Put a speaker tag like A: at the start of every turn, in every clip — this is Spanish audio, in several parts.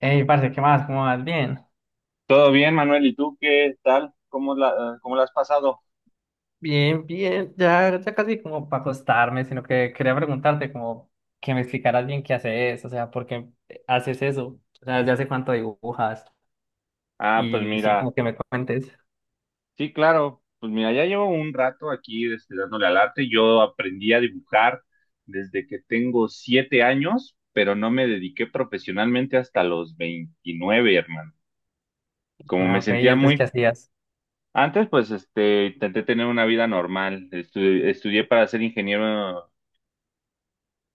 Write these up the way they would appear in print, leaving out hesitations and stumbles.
A: Hey, parce, ¿qué más? ¿Cómo vas? Bien,
B: Todo bien, Manuel, ¿y tú qué tal? ¿Cómo la has pasado?
A: bien, bien, ya, ya casi como para acostarme, sino que quería preguntarte como que me explicaras bien qué haces, o sea, por qué haces eso, o sea, desde hace cuánto dibujas
B: Ah, pues
A: y sí,
B: mira,
A: como que me cuentes.
B: sí, claro, pues mira, ya llevo un rato aquí dándole al arte. Yo aprendí a dibujar desde que tengo 7 años, pero no me dediqué profesionalmente hasta los 29, hermano. Como
A: Ah,
B: me
A: ok, ¿y
B: sentía
A: antes qué
B: muy...
A: hacías?
B: Antes, pues, intenté tener una vida normal. Estudié para ser ingeniero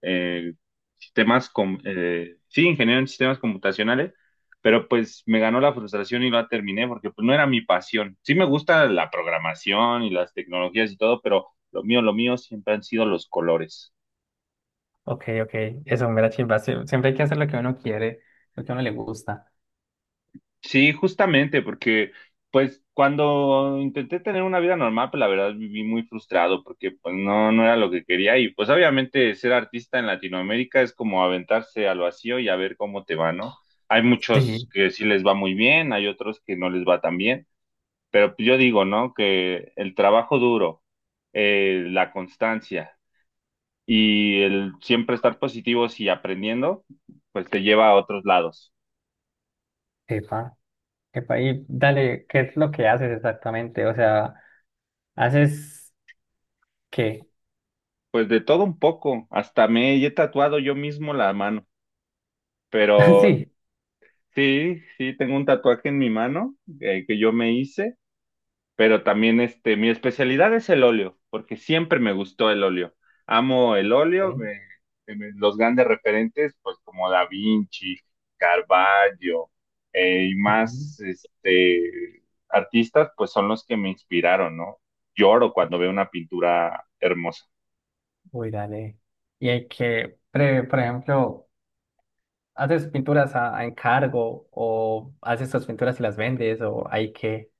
B: eh, sistemas, sí, ingeniero en sistemas computacionales, pero pues me ganó la frustración y la terminé porque pues no era mi pasión. Sí me gusta la programación y las tecnologías y todo, pero lo mío siempre han sido los colores.
A: Ok, ok, eso me da chimba. Siempre hay que hacer lo que uno quiere, lo que a uno le gusta,
B: Sí, justamente, porque pues cuando intenté tener una vida normal, pues la verdad viví muy frustrado porque pues no era lo que quería y pues obviamente ser artista en Latinoamérica es como aventarse al vacío y a ver cómo te va, ¿no? Hay muchos
A: sí.
B: que sí les va muy bien, hay otros que no les va tan bien, pero pues, yo digo, ¿no? Que el trabajo duro, la constancia y el siempre estar positivos y aprendiendo, pues te lleva a otros lados.
A: Epa, epa, y dale, ¿qué es lo que haces exactamente? O sea, ¿haces qué?
B: Pues de todo un poco, hasta me he tatuado yo mismo la mano, pero
A: Sí,
B: sí, sí, tengo un tatuaje en mi mano que yo me hice, pero también mi especialidad es el óleo, porque siempre me gustó el óleo. Amo el óleo,
A: ok.
B: los grandes referentes, pues como Da Vinci, Caravaggio, eh, y
A: Ujú.
B: más este, artistas, pues son los que me inspiraron, ¿no? Lloro cuando veo una pintura hermosa.
A: Uy, dale. Y hay por ejemplo, ¿haces pinturas a encargo o haces tus pinturas y las vendes o hay que...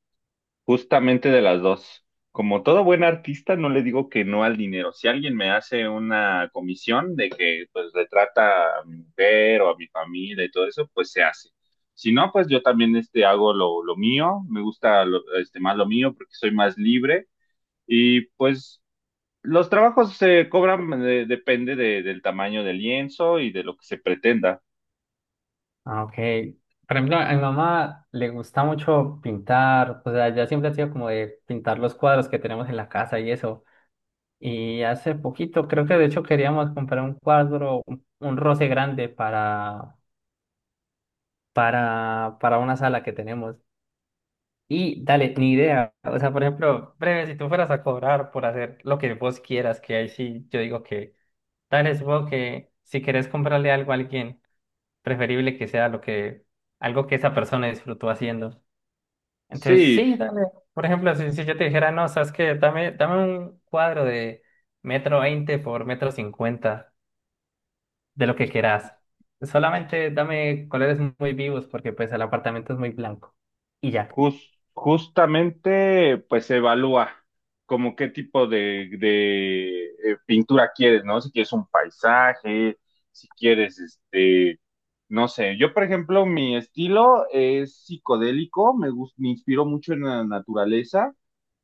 B: Justamente de las dos. Como todo buen artista, no le digo que no al dinero. Si alguien me hace una comisión de que pues le trata a mi mujer o a mi familia y todo eso, pues se hace. Si no, pues yo también hago lo mío, me gusta más lo mío porque soy más libre y pues los trabajos se cobran, depende del tamaño del lienzo y de lo que se pretenda.
A: Ah, ok. Por ejemplo, a mi mamá le gusta mucho pintar, o sea, ya siempre ha sido como de pintar los cuadros que tenemos en la casa y eso. Y hace poquito, creo que de hecho queríamos comprar un cuadro, un roce grande para una sala que tenemos. Y dale, ni idea. O sea, por ejemplo, breve, si tú fueras a cobrar por hacer lo que vos quieras, que ahí sí yo digo que, dale, supongo que si querés comprarle algo a alguien, preferible que sea lo que, algo que esa persona disfrutó haciendo. Entonces,
B: Sí,
A: sí, dale. Por ejemplo, si yo te dijera, no, sabes que dame, dame un cuadro de 1,20 m por 1,50 m, de lo que querás. Solamente dame colores muy vivos, porque pues el apartamento es muy blanco. Y ya.
B: Justamente, pues se evalúa como qué tipo de pintura quieres, ¿no? Si quieres un paisaje, si quieres, no sé. Yo, por ejemplo, mi estilo es psicodélico, me inspiro mucho en la naturaleza.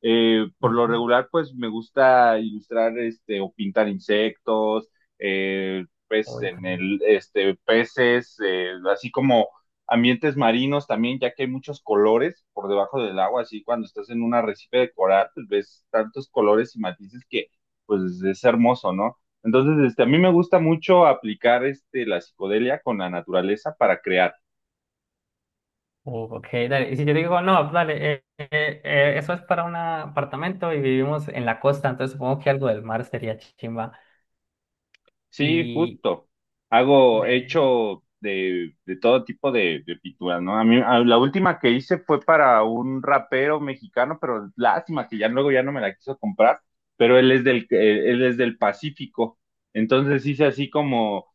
B: Por lo
A: Ujú.
B: regular, pues me gusta ilustrar, o pintar insectos, pues
A: Uy.
B: en el, peces, así como ambientes marinos también, ya que hay muchos colores por debajo del agua, así cuando estás en un arrecife de coral, pues ves tantos colores y matices que pues es hermoso, ¿no? Entonces, a mí me gusta mucho aplicar la psicodelia con la naturaleza para crear.
A: Ok, dale. Y si yo digo, no, dale, eso es para un apartamento y vivimos en la costa, entonces supongo que algo del mar sería chimba.
B: Sí,
A: Y,
B: justo. Hago, he
A: eh,
B: hecho de todo tipo de pinturas, ¿no? A mí, la última que hice fue para un rapero mexicano, pero lástima que ya luego ya no me la quiso comprar, pero él es del Pacífico. Entonces hice así como,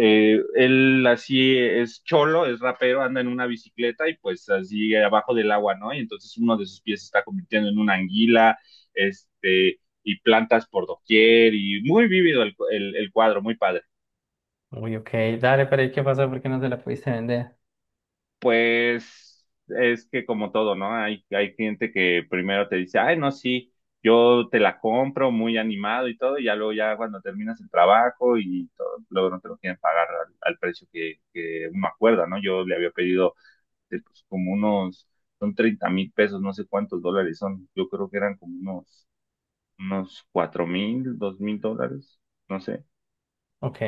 B: él así es cholo, es rapero, anda en una bicicleta y pues así abajo del agua, ¿no? Y entonces uno de sus pies se está convirtiendo en una anguila, este y plantas por doquier y muy vívido el cuadro, muy padre.
A: uy, ok, dale, pero ¿y qué pasó? ¿Por qué no se la pudiste vender?
B: Pues es que como todo, ¿no? Hay gente que primero te dice, ay, no, sí, yo te la compro muy animado y todo, y ya luego ya cuando terminas el trabajo y todo, luego no te lo quieren pagar al precio que uno acuerda, ¿no? Yo le había pedido, pues, como unos, son 30.000 pesos, no sé cuántos dólares son, yo creo que eran como unos, unos 4.000, 2.000 dólares, no sé.
A: Ok.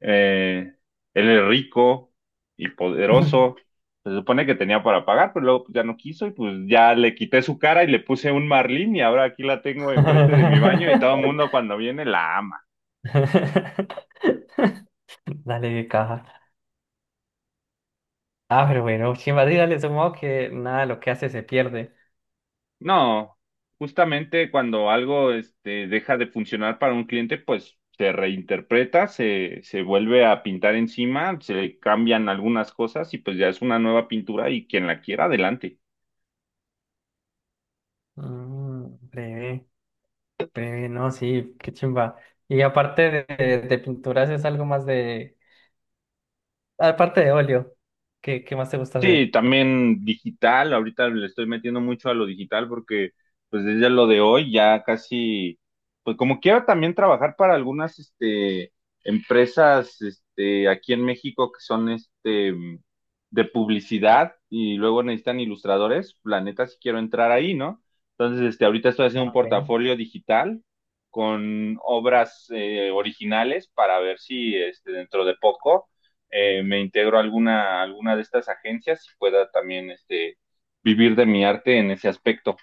B: Eh, Él es rico y poderoso. Se supone que tenía para pagar, pero luego pues ya no quiso y pues ya le quité su cara y le puse un marlín y ahora aquí la tengo enfrente de mi baño y todo el mundo cuando viene la ama.
A: Dale, de caja. Ah, pero bueno, chimba, sí, dale, supongo que nada, de lo que hace se pierde.
B: No, justamente cuando algo deja de funcionar para un cliente, pues se reinterpreta, se vuelve a pintar encima, se le cambian algunas cosas y pues ya es una nueva pintura y quien la quiera, adelante.
A: Mm, breve, breve, no, sí, qué chimba. Y aparte de pinturas, es algo más de. Aparte de óleo, ¿qué, qué más te gusta
B: Sí,
A: hacer?
B: también digital, ahorita le estoy metiendo mucho a lo digital porque pues desde lo de hoy ya casi, pues como quiero también trabajar para algunas empresas aquí en México que son de publicidad y luego necesitan ilustradores, la neta sí quiero entrar ahí, ¿no? Entonces, ahorita estoy haciendo
A: Ah,
B: un
A: ok.
B: portafolio digital con obras, originales para ver si dentro de poco me integro a alguna de estas agencias y pueda también vivir de mi arte en ese aspecto.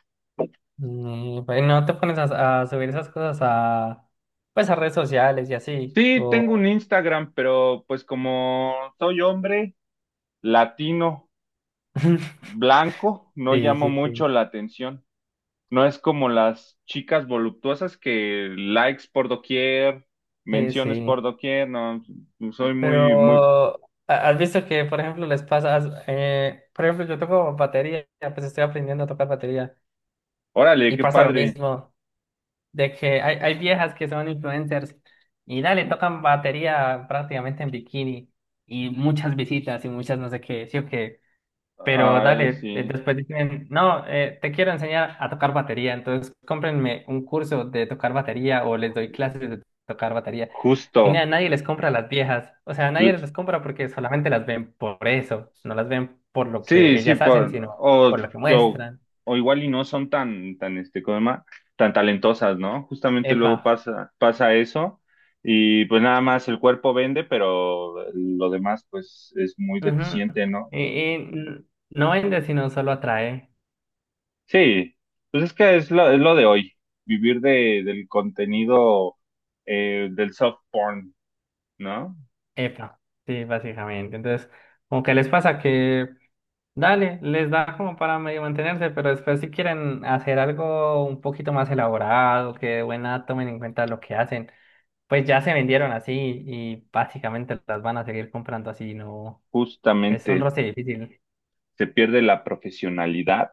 A: Mm, pues, ¿no te pones a subir esas cosas a, pues, a redes sociales y así?
B: Sí, tengo un
A: O...
B: Instagram, pero pues como soy hombre latino, blanco, no
A: Sí,
B: llamo
A: sí,
B: mucho
A: sí,
B: la atención. No es como las chicas voluptuosas que likes por doquier,
A: sí,
B: menciones
A: sí.
B: por doquier, no, soy muy,
A: Pero has visto que, por ejemplo, les pasa, por ejemplo, yo toco batería, pues estoy aprendiendo a tocar batería
B: órale,
A: y
B: qué
A: pasa lo
B: padre.
A: mismo, de que hay viejas que son influencers y dale, tocan batería prácticamente en bikini y muchas visitas y muchas no sé qué, sí o qué. Pero
B: Ah,
A: dale,
B: sí,
A: después dicen, no, te quiero enseñar a tocar batería, entonces cómprenme un curso de tocar batería o les doy clases de tocar batería. Y nada,
B: justo.
A: nadie les compra a las viejas, o sea, nadie les compra porque solamente las ven por eso, no las ven por lo
B: Sí,
A: que
B: sí,
A: ellas hacen, sino por lo que
B: o,
A: muestran.
B: o igual y no son tan, ¿cómo se llama? Tan talentosas, ¿no? Justamente
A: Epa.
B: luego pasa eso y pues nada más el cuerpo vende, pero lo demás pues es muy
A: Ujú.
B: deficiente, ¿no?
A: Y, no vende, sino solo atrae.
B: Sí, pues es que es lo de hoy, vivir de, del contenido, del soft porn, ¿no?
A: Epa, sí, básicamente. Entonces, como que les pasa que dale, les da como para medio mantenerse, pero después si quieren hacer algo un poquito más elaborado, que de buena tomen en cuenta lo que hacen, pues ya se vendieron así y básicamente las van a seguir comprando así, no, es un
B: Justamente
A: roce difícil.
B: se pierde la profesionalidad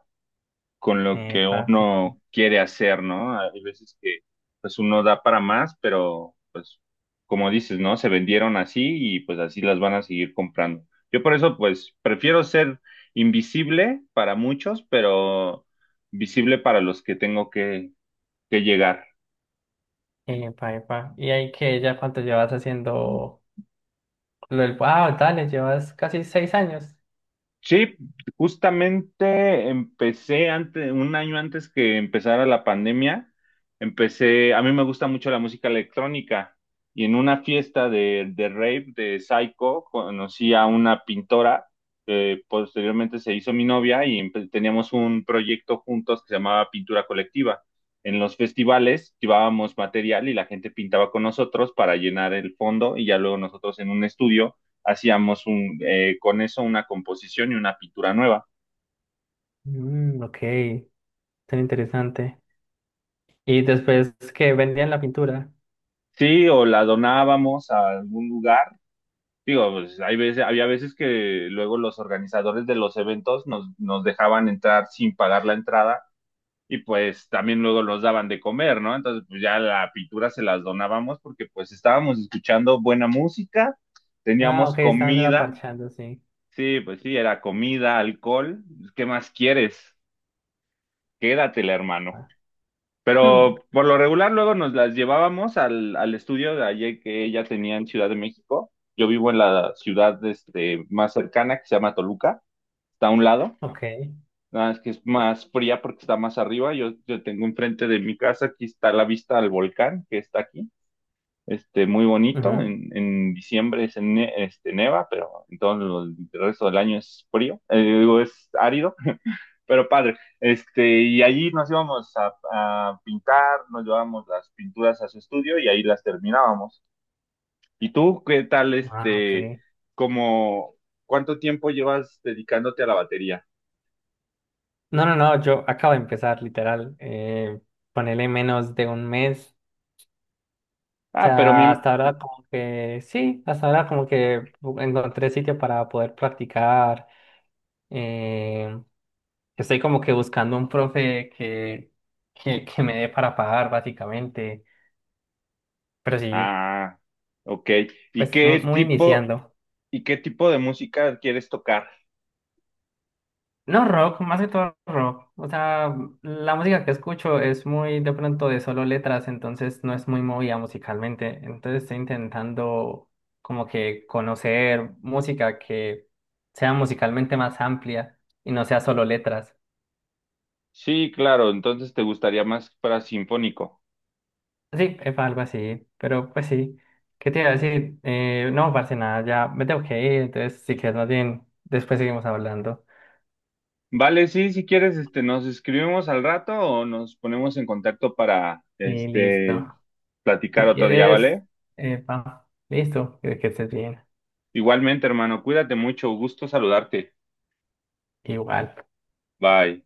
B: con lo que
A: Epa, sí,
B: uno quiere hacer, ¿no? Hay veces que pues uno da para más, pero pues como dices, ¿no? Se vendieron así y pues así las van a seguir comprando. Yo por eso pues prefiero ser invisible para muchos, pero visible para los que tengo que llegar.
A: epa, epa. Y ahí que ya cuánto llevas haciendo lo del, wow, dale, llevas casi 6 años.
B: Sí, justamente empecé antes, 1 año antes que empezara la pandemia, empecé, a mí me gusta mucho la música electrónica y en una fiesta de rave de Psycho conocí a una pintora que posteriormente se hizo mi novia y teníamos un proyecto juntos que se llamaba Pintura Colectiva. En los festivales llevábamos material y la gente pintaba con nosotros para llenar el fondo y ya luego nosotros en un estudio hacíamos un, con eso una composición y una pintura nueva.
A: Mm, ok, tan interesante. Y después que vendían la pintura.
B: Sí, o la donábamos a algún lugar. Digo, pues hay veces, había veces que luego los organizadores de los eventos nos dejaban entrar sin pagar la entrada y pues también luego nos daban de comer, ¿no? Entonces, pues ya la pintura se las donábamos porque pues estábamos escuchando buena música,
A: Ah,
B: teníamos
A: ok, estaban era
B: comida,
A: parchando, sí.
B: sí, pues sí, era comida, alcohol, ¿qué más quieres? Quédatela, hermano.
A: Ah, hmm,
B: Pero por lo regular luego nos las llevábamos al estudio de ayer que ella tenía en Ciudad de México. Yo vivo en la ciudad más cercana que se llama Toluca, está a un lado,
A: ok.
B: nada más que es más fría porque está más arriba. Yo tengo enfrente de mi casa, aquí está la vista al volcán que está aquí, muy bonito.
A: Ujú.
B: En diciembre es neva, pero en todo el resto del año es frío, digo, es árido pero padre. Y allí nos íbamos a pintar, nos llevábamos las pinturas a su estudio y ahí las terminábamos. ¿Y tú qué tal,
A: Ah, ok.
B: como, cuánto tiempo llevas dedicándote a la batería?
A: No, no, no, yo acabo de empezar, literal. Ponele menos de 1 mes. O
B: Ah, pero
A: sea,
B: mi,
A: hasta ahora como que, sí, hasta ahora como que encontré sitio para poder practicar. Eh, estoy como que buscando un profe que me dé para pagar, básicamente. Pero sí,
B: ah, ok. ¿Y
A: pues
B: qué
A: muy
B: tipo,
A: iniciando.
B: y qué tipo de música quieres tocar?
A: No rock, más que todo rock. O sea, la música que escucho es muy de pronto de solo letras, entonces no es muy movida musicalmente. Entonces estoy intentando como que conocer música que sea musicalmente más amplia y no sea solo letras.
B: Sí, claro, entonces te gustaría más para sinfónico.
A: Sí, es algo así, pero pues sí. ¿Qué te iba a decir? No, parce, nada, ya me tengo que ir, entonces si quieres más bien, después seguimos hablando.
B: Vale, sí, si quieres, nos escribimos al rato o nos ponemos en contacto para,
A: Sí, listo. Si
B: platicar otro día,
A: quieres,
B: ¿vale?
A: epa, listo, que estés bien.
B: Igualmente, hermano, cuídate mucho, gusto saludarte.
A: Igual.
B: Bye.